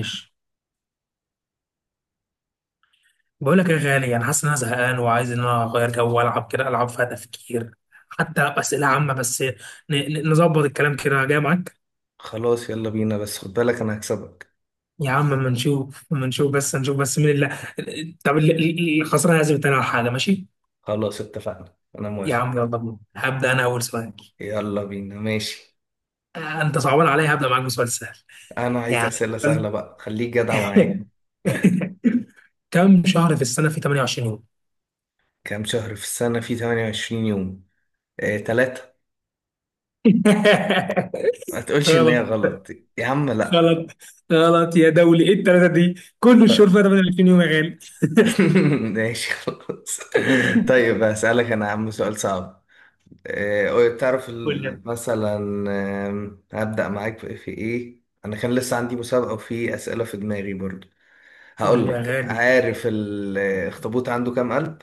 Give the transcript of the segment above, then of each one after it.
ماشي. بقول لك يا غالي، انا حاسس ان انا زهقان وعايز ان انا اغير جو والعب كده، العب فيها تفكير، حتى اسئله عامه بس نظبط الكلام كده جاي معاك. خلاص يلا بينا، بس خد بالك انا هكسبك. يا عم اما نشوف، اما نشوف بس، نشوف بس مين اللي... طب الخسران لازم يتناول حاجه، ماشي؟ خلاص اتفقنا، انا يا موافق. عم يلا بينا، هبدا انا اول سؤال. يلا بينا ماشي. انت صعبان عليا، هبدا معاك بسؤال سهل. انا عايز يعني اسئله سؤال- سهله بقى، خليك جدع معايا. كم شهر في السنه في 28 يوم؟ كام شهر في السنه في 28 يوم؟ تلاتة. ما تقولش ان هي غلط، غلط. يا عم لا. غلط، غلط يا دولي، ايه الثلاثه دي؟ كل طيب. الشهور فيها 28 يوم يا غالي. ماشي خلاص. طيب هسألك انا يا عم سؤال صعب. تعرف قول لي، مثلا. هبدأ معاك في ايه، انا كان لسه عندي مسابقة وفي أسئلة في دماغي برضو. قول هقول لي يا لك: غالي. عارف الاخطبوط عنده كام قلب؟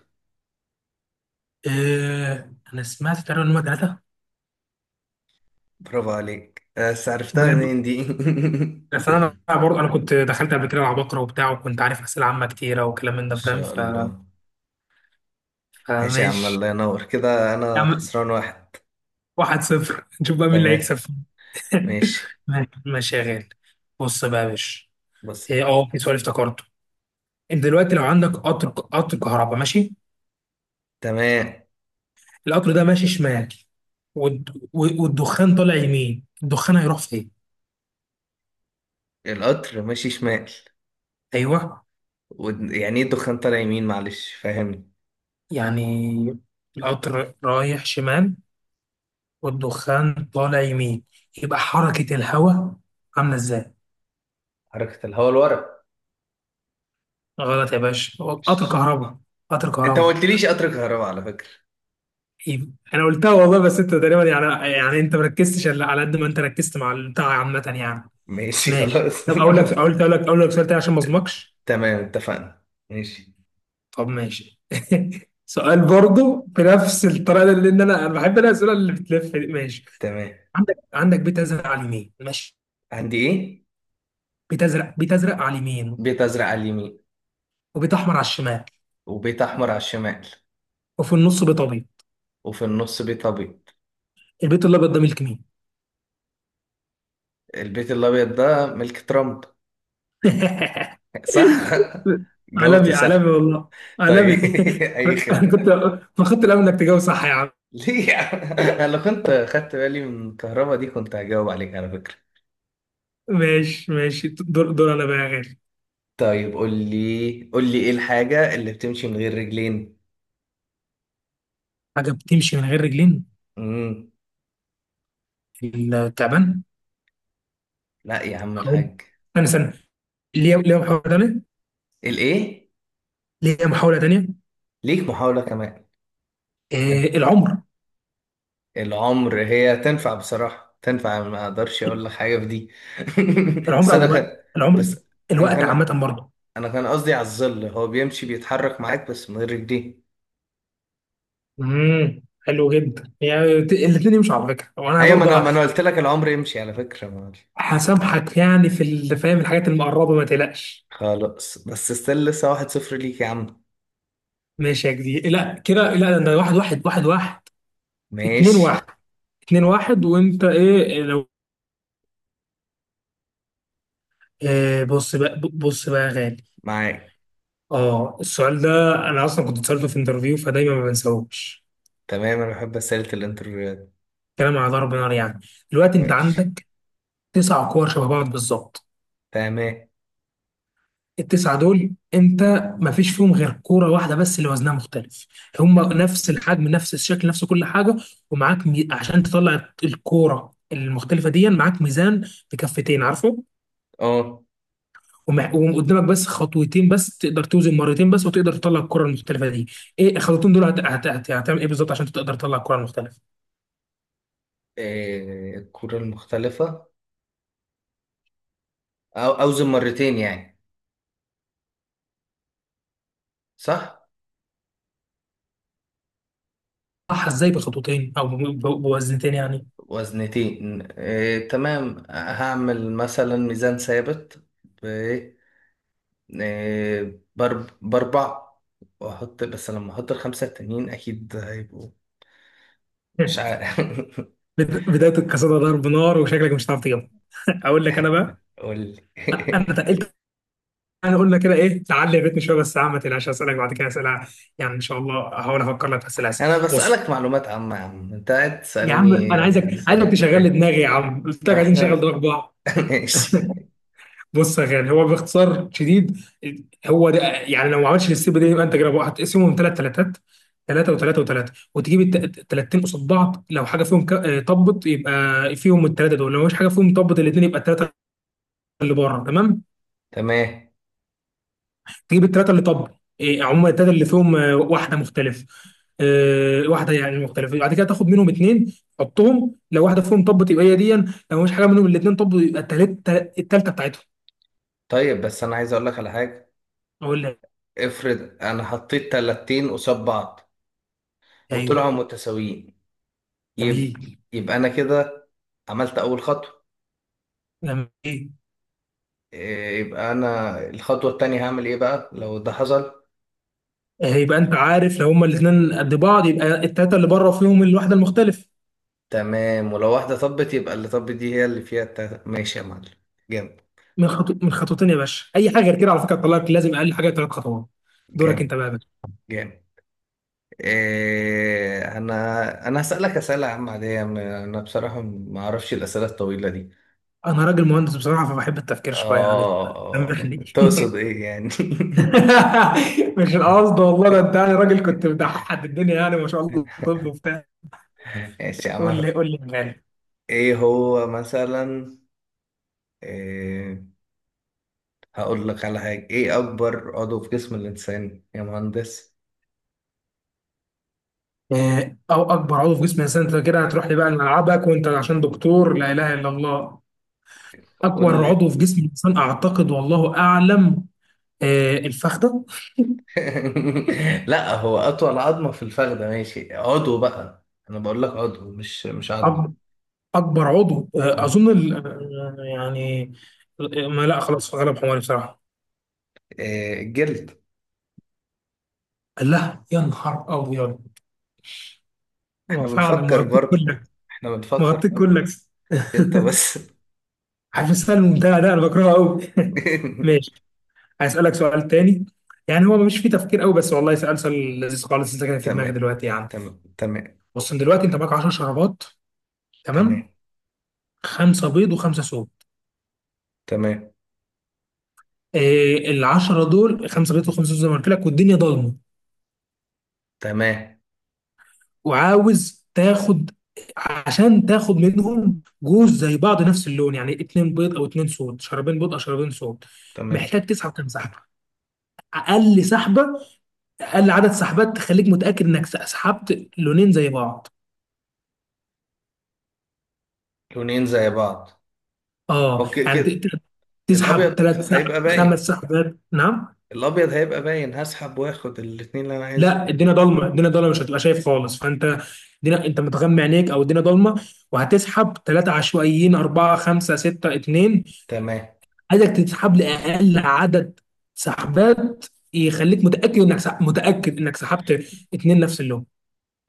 انا سمعت تقريبا ان هم ثلاثه. برافو عليك، بس عرفتها بجد. منين دي؟ بس انا برضه، انا كنت دخلت قبل كده مع بكره وبتاع، وكنت عارف اسئله عامه كتيره وكلام من ما ده، فاهم، شاء الله. ماشي يا عم، فماشي. الله ينور كده، يا انا عم، خسران واحد. واحد صفر، نشوف بقى مين اللي هيكسب. تمام. ماشي. ماشي، ماشي يا غالي، بص بقى يا باشا. بص. إيه، اه في سؤال افتكرته. انت دلوقتي لو عندك قطر كهرباء، ماشي؟ تمام. القطر ده ماشي شمال، والدخان طالع يمين، الدخان هيروح فين؟ القطر ماشي شمال. ايوه. يعني ايه الدخان طالع يمين؟ معلش فاهمني. يعني القطر رايح شمال والدخان طالع يمين، يبقى حركة الهواء عاملة ازاي؟ حركة الهواء لورا. غلط يا باشا، هو قطر مش- كهرباء، قطر انت ما كهرباء. قلتليش قطر كهرباء على فكرة. يبقى- انا قلتها والله، بس انت تقريبا يعني انت مركزتش إلا على قد ما انت ركزت مع البتاع عامة يعني. ماشي ماشي، خلاص. طب اقول لك سؤال تاني عشان ما اظلمكش. تمام اتفقنا. ماشي. طب ماشي. سؤال برضه بنفس الطريقه دي، لان انا بحب انا الاسئله اللي بتلف دي، ماشي؟ تمام. عندك بيت ازرق على اليمين، ماشي؟ عندي ايه؟ بيت ازرق، بيت ازرق على اليمين، بيت ازرق على اليمين. وبيت احمر على الشمال، وبيت أحمر على الشمال. وفي النص بيت ابيض. وفي النص بيت أبيض. البيت الابيض ده ملك مين؟ البيت الأبيض ده ملك ترامب. صح؟ جاوبت عالمي، عالمي صح. والله، طيب. عالمي. أي انا كنت خدمة. ما خدت الامل انك تجاوب صح يا عم. ليه يا عم؟ أنا لو كنت خدت بالي من الكهرباء دي كنت هجاوب عليك على فكرة. ماشي، ماشي، دور دور انا بقى يا غالي. طيب قول لي، قول لي إيه الحاجة اللي بتمشي من غير رجلين؟ حاجه بتمشي من غير رجلين؟ مم. التعبان. لا يا عم هقول. الحاج. انا سنه... ليا محاوله ثانيه. الإيه؟ ليا محاوله ثانيه. ليك محاولة كمان. العمر. العمر هي تنفع بصراحة، تنفع، ما أقدرش أقول لك حاجة في دي. بس العمر او أنا الوقت، خ... العمر. بس انا الوقت خل... عامه برضه. انا كان قصدي على الظل، هو بيمشي بيتحرك معاك بس من غير رجليه. حلو جدا، يعني الاثنين يمشوا على فكره وانا ايوه، ما انا برضه. ما انا قلت لك العمر يمشي على فكره، ما. هسامحك يعني في فاهم، الحاجات المقربه ما تقلقش. خلاص بس ستيل لسه 1-0 ليك يا عم. ماشي يا جدي، لا كده لا، ده واحد واحد، واحد واحد. اتنين ماشي. واحد، اتنين واحد. وانت ايه لو... بص بقى، بص بقى يا غالي. معاك. اه السؤال ده انا اصلا كنت اتسالته في انترفيو، فدايما ما بنساهوش. تمام. انا بحب اسئله الانترفيوهات. كلام على ضرب نار يعني. دلوقتي انت ماشي. عندك تسع كور شبه بعض بالظبط. تمام. التسعة دول، انت ما فيش فيهم غير كورة واحدة بس اللي وزنها مختلف. هم نفس الحجم، نفس الشكل، نفس كل حاجة. ومعاك عشان تطلع الكورة المختلفة دي معاك ميزان بكفتين، عارفه؟ اه. وقدامك بس خطوتين بس، تقدر توزن مرتين بس وتقدر تطلع الكرة المختلفة دي. ايه الخطوتين دول هتعمل ايه بالظبط عشان تقدر تطلع الكرة المختلفة؟ الكره المختلفه، او اوزن مرتين يعني؟ صح. صح. ازاي بخطوتين او بوزنتين يعني؟ وزنتين، تمام، هعمل مثلا ميزان ثابت. باربع، واحط، بس لما احط 5 التانيين اكيد هيبقوا. مش عارف. بداية القصيدة ضرب نار، وشكلك مش هتعرف تجيبها. اقول لك انا بقى. قول لي. انا تقلت، يعني قلنا كده ايه، تعلي بيتنا شويه، بس يا عم ما تقلقش، هسالك بعد كده اسئله، يعني ان شاء الله هحاول افكر لك في اسئله. انا بص بسألك معلومات عامة يا عم، انت قاعد يا عم، تسألني انا عايزك أسئلة عايزك تشغل لي فكرية، دماغي يا عم، قلت لك عايزين نشغل احنا. دماغ بعض. ماشي. بص يا غالي، هو باختصار شديد، هو ده. يعني لو ما عملتش السيب دي، يبقى انت كده بقى هتقسمهم ثلاث ثلاثات، ثلاثة وثلاثة وثلاثة، وتجيب التلاتين قصاد بعض. لو حاجة فيهم طبت، يبقى فيهم الثلاثة دول. لو مش حاجة فيهم طبت الاثنين، يبقى الثلاثة اللي بره، تمام. تمام. تجيب التلاتة اللي طب. عموما التلاتة اللي فيهم واحدة مختلفة، واحدة يعني مختلفة، بعد كده تاخد منهم اتنين، حطهم. لو واحدة فيهم طب، تبقى هي دي. لو مش حاجة منهم الاتنين طب، يبقى التالتة، التالتة بتاعتهم. طيب بس انا عايز اقول لك على حاجة. أقول لك. افرض انا حطيت 30 قصاد بعض أيوه، وطلعوا متساويين. يبقى، جميل، يبقى انا كده عملت اول خطوة. جميل. يبقى انا الخطوة التانية هعمل ايه بقى لو ده حصل؟ يبقى أنت عارف لو هما الاتنين قد بعض، يبقى التلاتة اللي بره فيهم الواحدة المختلفة. تمام، ولو واحدة طبت يبقى اللي طبت دي هي اللي فيها ماشي يا معلم. جامد. من خطوتين يا باشا، أي حاجة غير كده على فكرة تطلعك، لازم أقل حاجة تلات خطوات. دورك أنت جامد. بقى يا باشا. جامد. أنا هسألك أسئلة عامة عادية، أنا بصراحة ما أعرفش الأسئلة الطويلة دي. أنا راجل مهندس بصراحة، فبحب التفكير شوية يعني، آه آه. سامحني. تقصد إيه يعني؟ مش القصد والله، ده انت يعني راجل كنت بتحد الدنيا يعني، ما شاء الله، طب وبتاع. ماشي يا قول عم. لي، قول لي مالي. إيه هو مثلا؟ إيه. هقول لك على حاجة. إيه أكبر عضو في جسم الإنسان يا مهندس؟ إيه، او اكبر عضو في جسم الانسان؟ انت كده هتروح لي بقى لملعبك، وانت عشان دكتور، لا اله الا الله. اكبر قول. عضو في جسم الانسان اعتقد، والله اعلم، الفخذه. لا، هو اطول عظمه في الفخده ماشي، عضو بقى انا بقول لك عضو مش عظم. أكبر أكبر عضو، مم. أظن يعني، ما لا، خلاص غلب حماري بصراحة. إيه الجلد. لا يا نهار أبيض، هو احنا فعلا بنفكر مغطيك برضه. كلك، احنا بنفكر مغطيك برضه. كلك. انت بس. عارف السؤال الممتع ده انا بكرهه قوي. ماشي، هسألك سؤال تاني، يعني هو مش فيه تفكير قوي بس، والله سؤال، سؤال لذيذ خالص، انت كده في دماغي تمام. دلوقتي يعني. تمام. تمام. بص، إن دلوقتي انت معاك 10 شرابات، تمام؟ تمام. خمسه بيض وخمسه صوب. تمام. ال 10 دول خمسه بيض وخمسه صوب زي ما قلت لك، والدنيا ضلمه، تمام. وعاوز تاخد... عشان تاخد منهم جوز زي بعض، نفس اللون، يعني اتنين بيض او اتنين صوت، شرابين بيض او شرابين صوت. تمام. محتاج تسحب كام سحبه؟ اقل سحبه، اقل عدد سحبات تخليك متاكد انك سحبت لونين زي بعض. لونين زي بعض. اه اوكي يعني كده. تسحب الابيض ثلاث سحب، هيبقى خمس باين. سحبات؟ نعم. الابيض هيبقى باين، هسحب واخد الاتنين اللي انا عايزه. لا، الدنيا ضلمه، الدنيا ضلمه، مش هتبقى شايف خالص، فانت الدنيا... انت متغمي عينيك او الدنيا ضلمه، وهتسحب ثلاثه عشوائيين، اربعه، خمسه، سته، اثنين. تمام. عايزك تسحب لاقل عدد سحبات يخليك متاكد انك متاكد انك سحبت اثنين نفس اللون.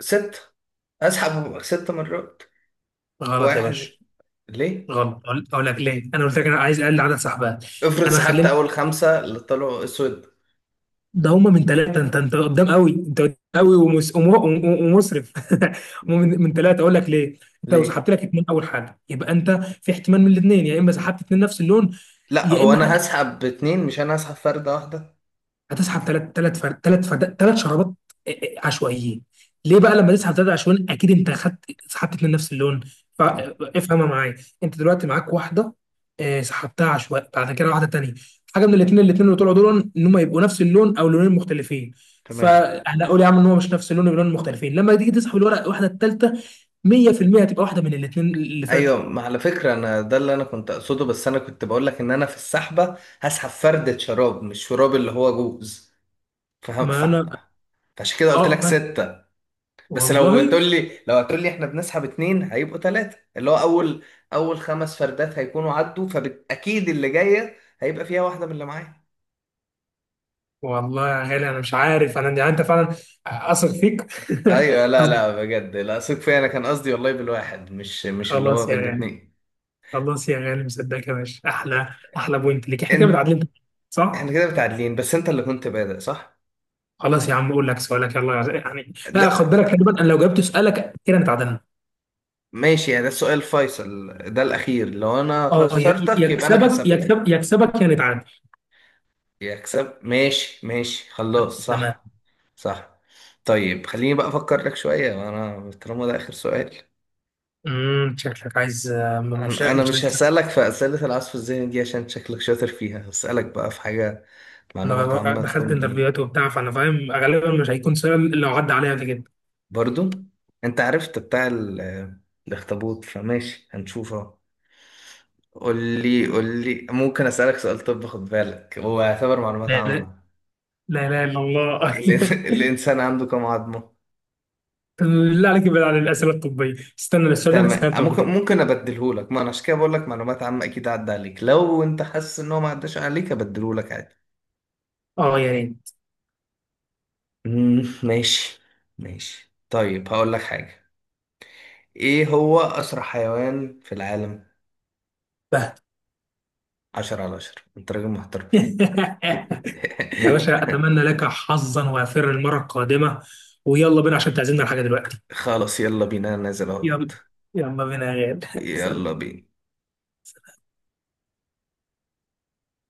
ست. اسحب 6 مرات. غلط يا باشا، واحد. ليه؟ غلط. أقول لك ليه. انا قلت لك انا عايز اقل عدد سحبات. افرض انا سحبت خليني. اول 5 اللي طلعوا اسود. ده هما من ثلاثة، انت، انت قدام قوي، انت قدام قوي ومسرف. هما من ثلاثة، اقول لك ليه. انت لو ليه؟ سحبت لك اتنين اول حاجة، يبقى انت في احتمال من الاثنين، يا اما سحبت اتنين نفس اللون، لا، يا هو انا اما هسحب باتنين مش انا هسحب فردة واحدة. هتسحب ثلاث ثلاث شرابات. عشوائيين. ليه بقى؟ لما تسحب ثلاثه عشوائيين اكيد انت خدت، سحبت اتنين نفس اللون، تمام. فافهمها معايا. انت دلوقتي معاك واحده، سحبتها عشوائي، بعد كده واحده تانيه. حاجه من الاثنين، اللي طلعوا دول ان هم يبقوا نفس اللون او لونين مختلفين. تمام. فهنقول يا عم ان هو مش نفس اللون ولون مختلفين، لما تيجي تسحب الورقه الواحده الثالثه، 100% هتبقى واحده من الاثنين اللي فاتوا. ايوه، ما على فكرة انا ده اللي انا كنت اقصده، بس انا كنت بقول لك ان انا في السحبة هسحب فردة شراب مش شراب اللي هو جوز. فاهم ما فعلا. انا... فعشان كده قلت لك اه فاهم. 6. بس لو والله. هتقول لي، لو هتقول لي احنا بنسحب اتنين هيبقوا تلاتة، اللي هو اول، اول 5 فردات هيكونوا عدوا، فاكيد اللي جاية هيبقى فيها واحدة من اللي معايا. والله يا غالي، انا مش عارف، انا يعني، انت فعلا، اثق فيك. ايوه، لا لا أثق. بجد، لا، ثق فيا، انا كان قصدي والله بالواحد مش اللي هو خلاص يا غالي، بالاتنين. خلاص يا غالي، مصدقك يا باشا، احلى، احلى بوينت ليك، احنا كده انت. متعادلين، احنا صح. كده متعادلين، بس انت اللي كنت بادئ صح. خلاص يا عم، اقول لك سؤالك يلا، غالي. يعني لا خد ده بالك، خلي بالك، انا لو جبت سؤالك كده نتعادلنا. ماشي يعني، ده السؤال الفيصل، ده الاخير، لو انا خسرتك يبقى انا يكسبك، كسبت. يكسبك، يا نتعادل. يكسب، ماشي ماشي، خلاص، تمام. صح. صح. طيب خليني بقى افكر لك شويه، انا طالما ده اخر سؤال. شكلك عايز، مش أنا مش مش عايز تخسر. هسالك في اسئله العصف الذهني دي عشان شكلك شاطر فيها. هسالك بقى في حاجه معلومات انا عامه دخلت تكون ايه. انترفيوهات وبتاع، فانا فاهم غالبا مش هيكون سؤال اللي عدى عليا قبل كده. برضو. انت عرفت بتاع الاخطبوط فماشي هنشوفه. قول لي، قول لي، ممكن اسالك سؤال؟ طب خد بالك هو يعتبر معلومات لا، لا، عامه. لا، لا، الا الله. الانسان عنده كم عظمه؟ لا عليك، ابعد عن الاسئله الطبيه، استنى، السؤال ده انا تمام، سالته قبل ممكن، كده. ممكن ابدله لك، ما انا عشان كده بقول لك معلومات عامه، اكيد عدى عليك، لو انت حاسس ان هو ما عداش عليك ابدله لك عادي. اه، يا ريت. ماشي. ماشي، طيب هقول لك حاجه. ايه هو اسرع حيوان في العالم؟ بهت. 10 على 10 انت راجل محترم. يا باشا، اتمنى لك حظا وافر المره القادمه، ويلا بينا عشان تعزمنا على حاجه دلوقتي. خلاص يلا بينا، أنا نازل اهوت. يلا، يلا بينا يا غالي. يلا بينا.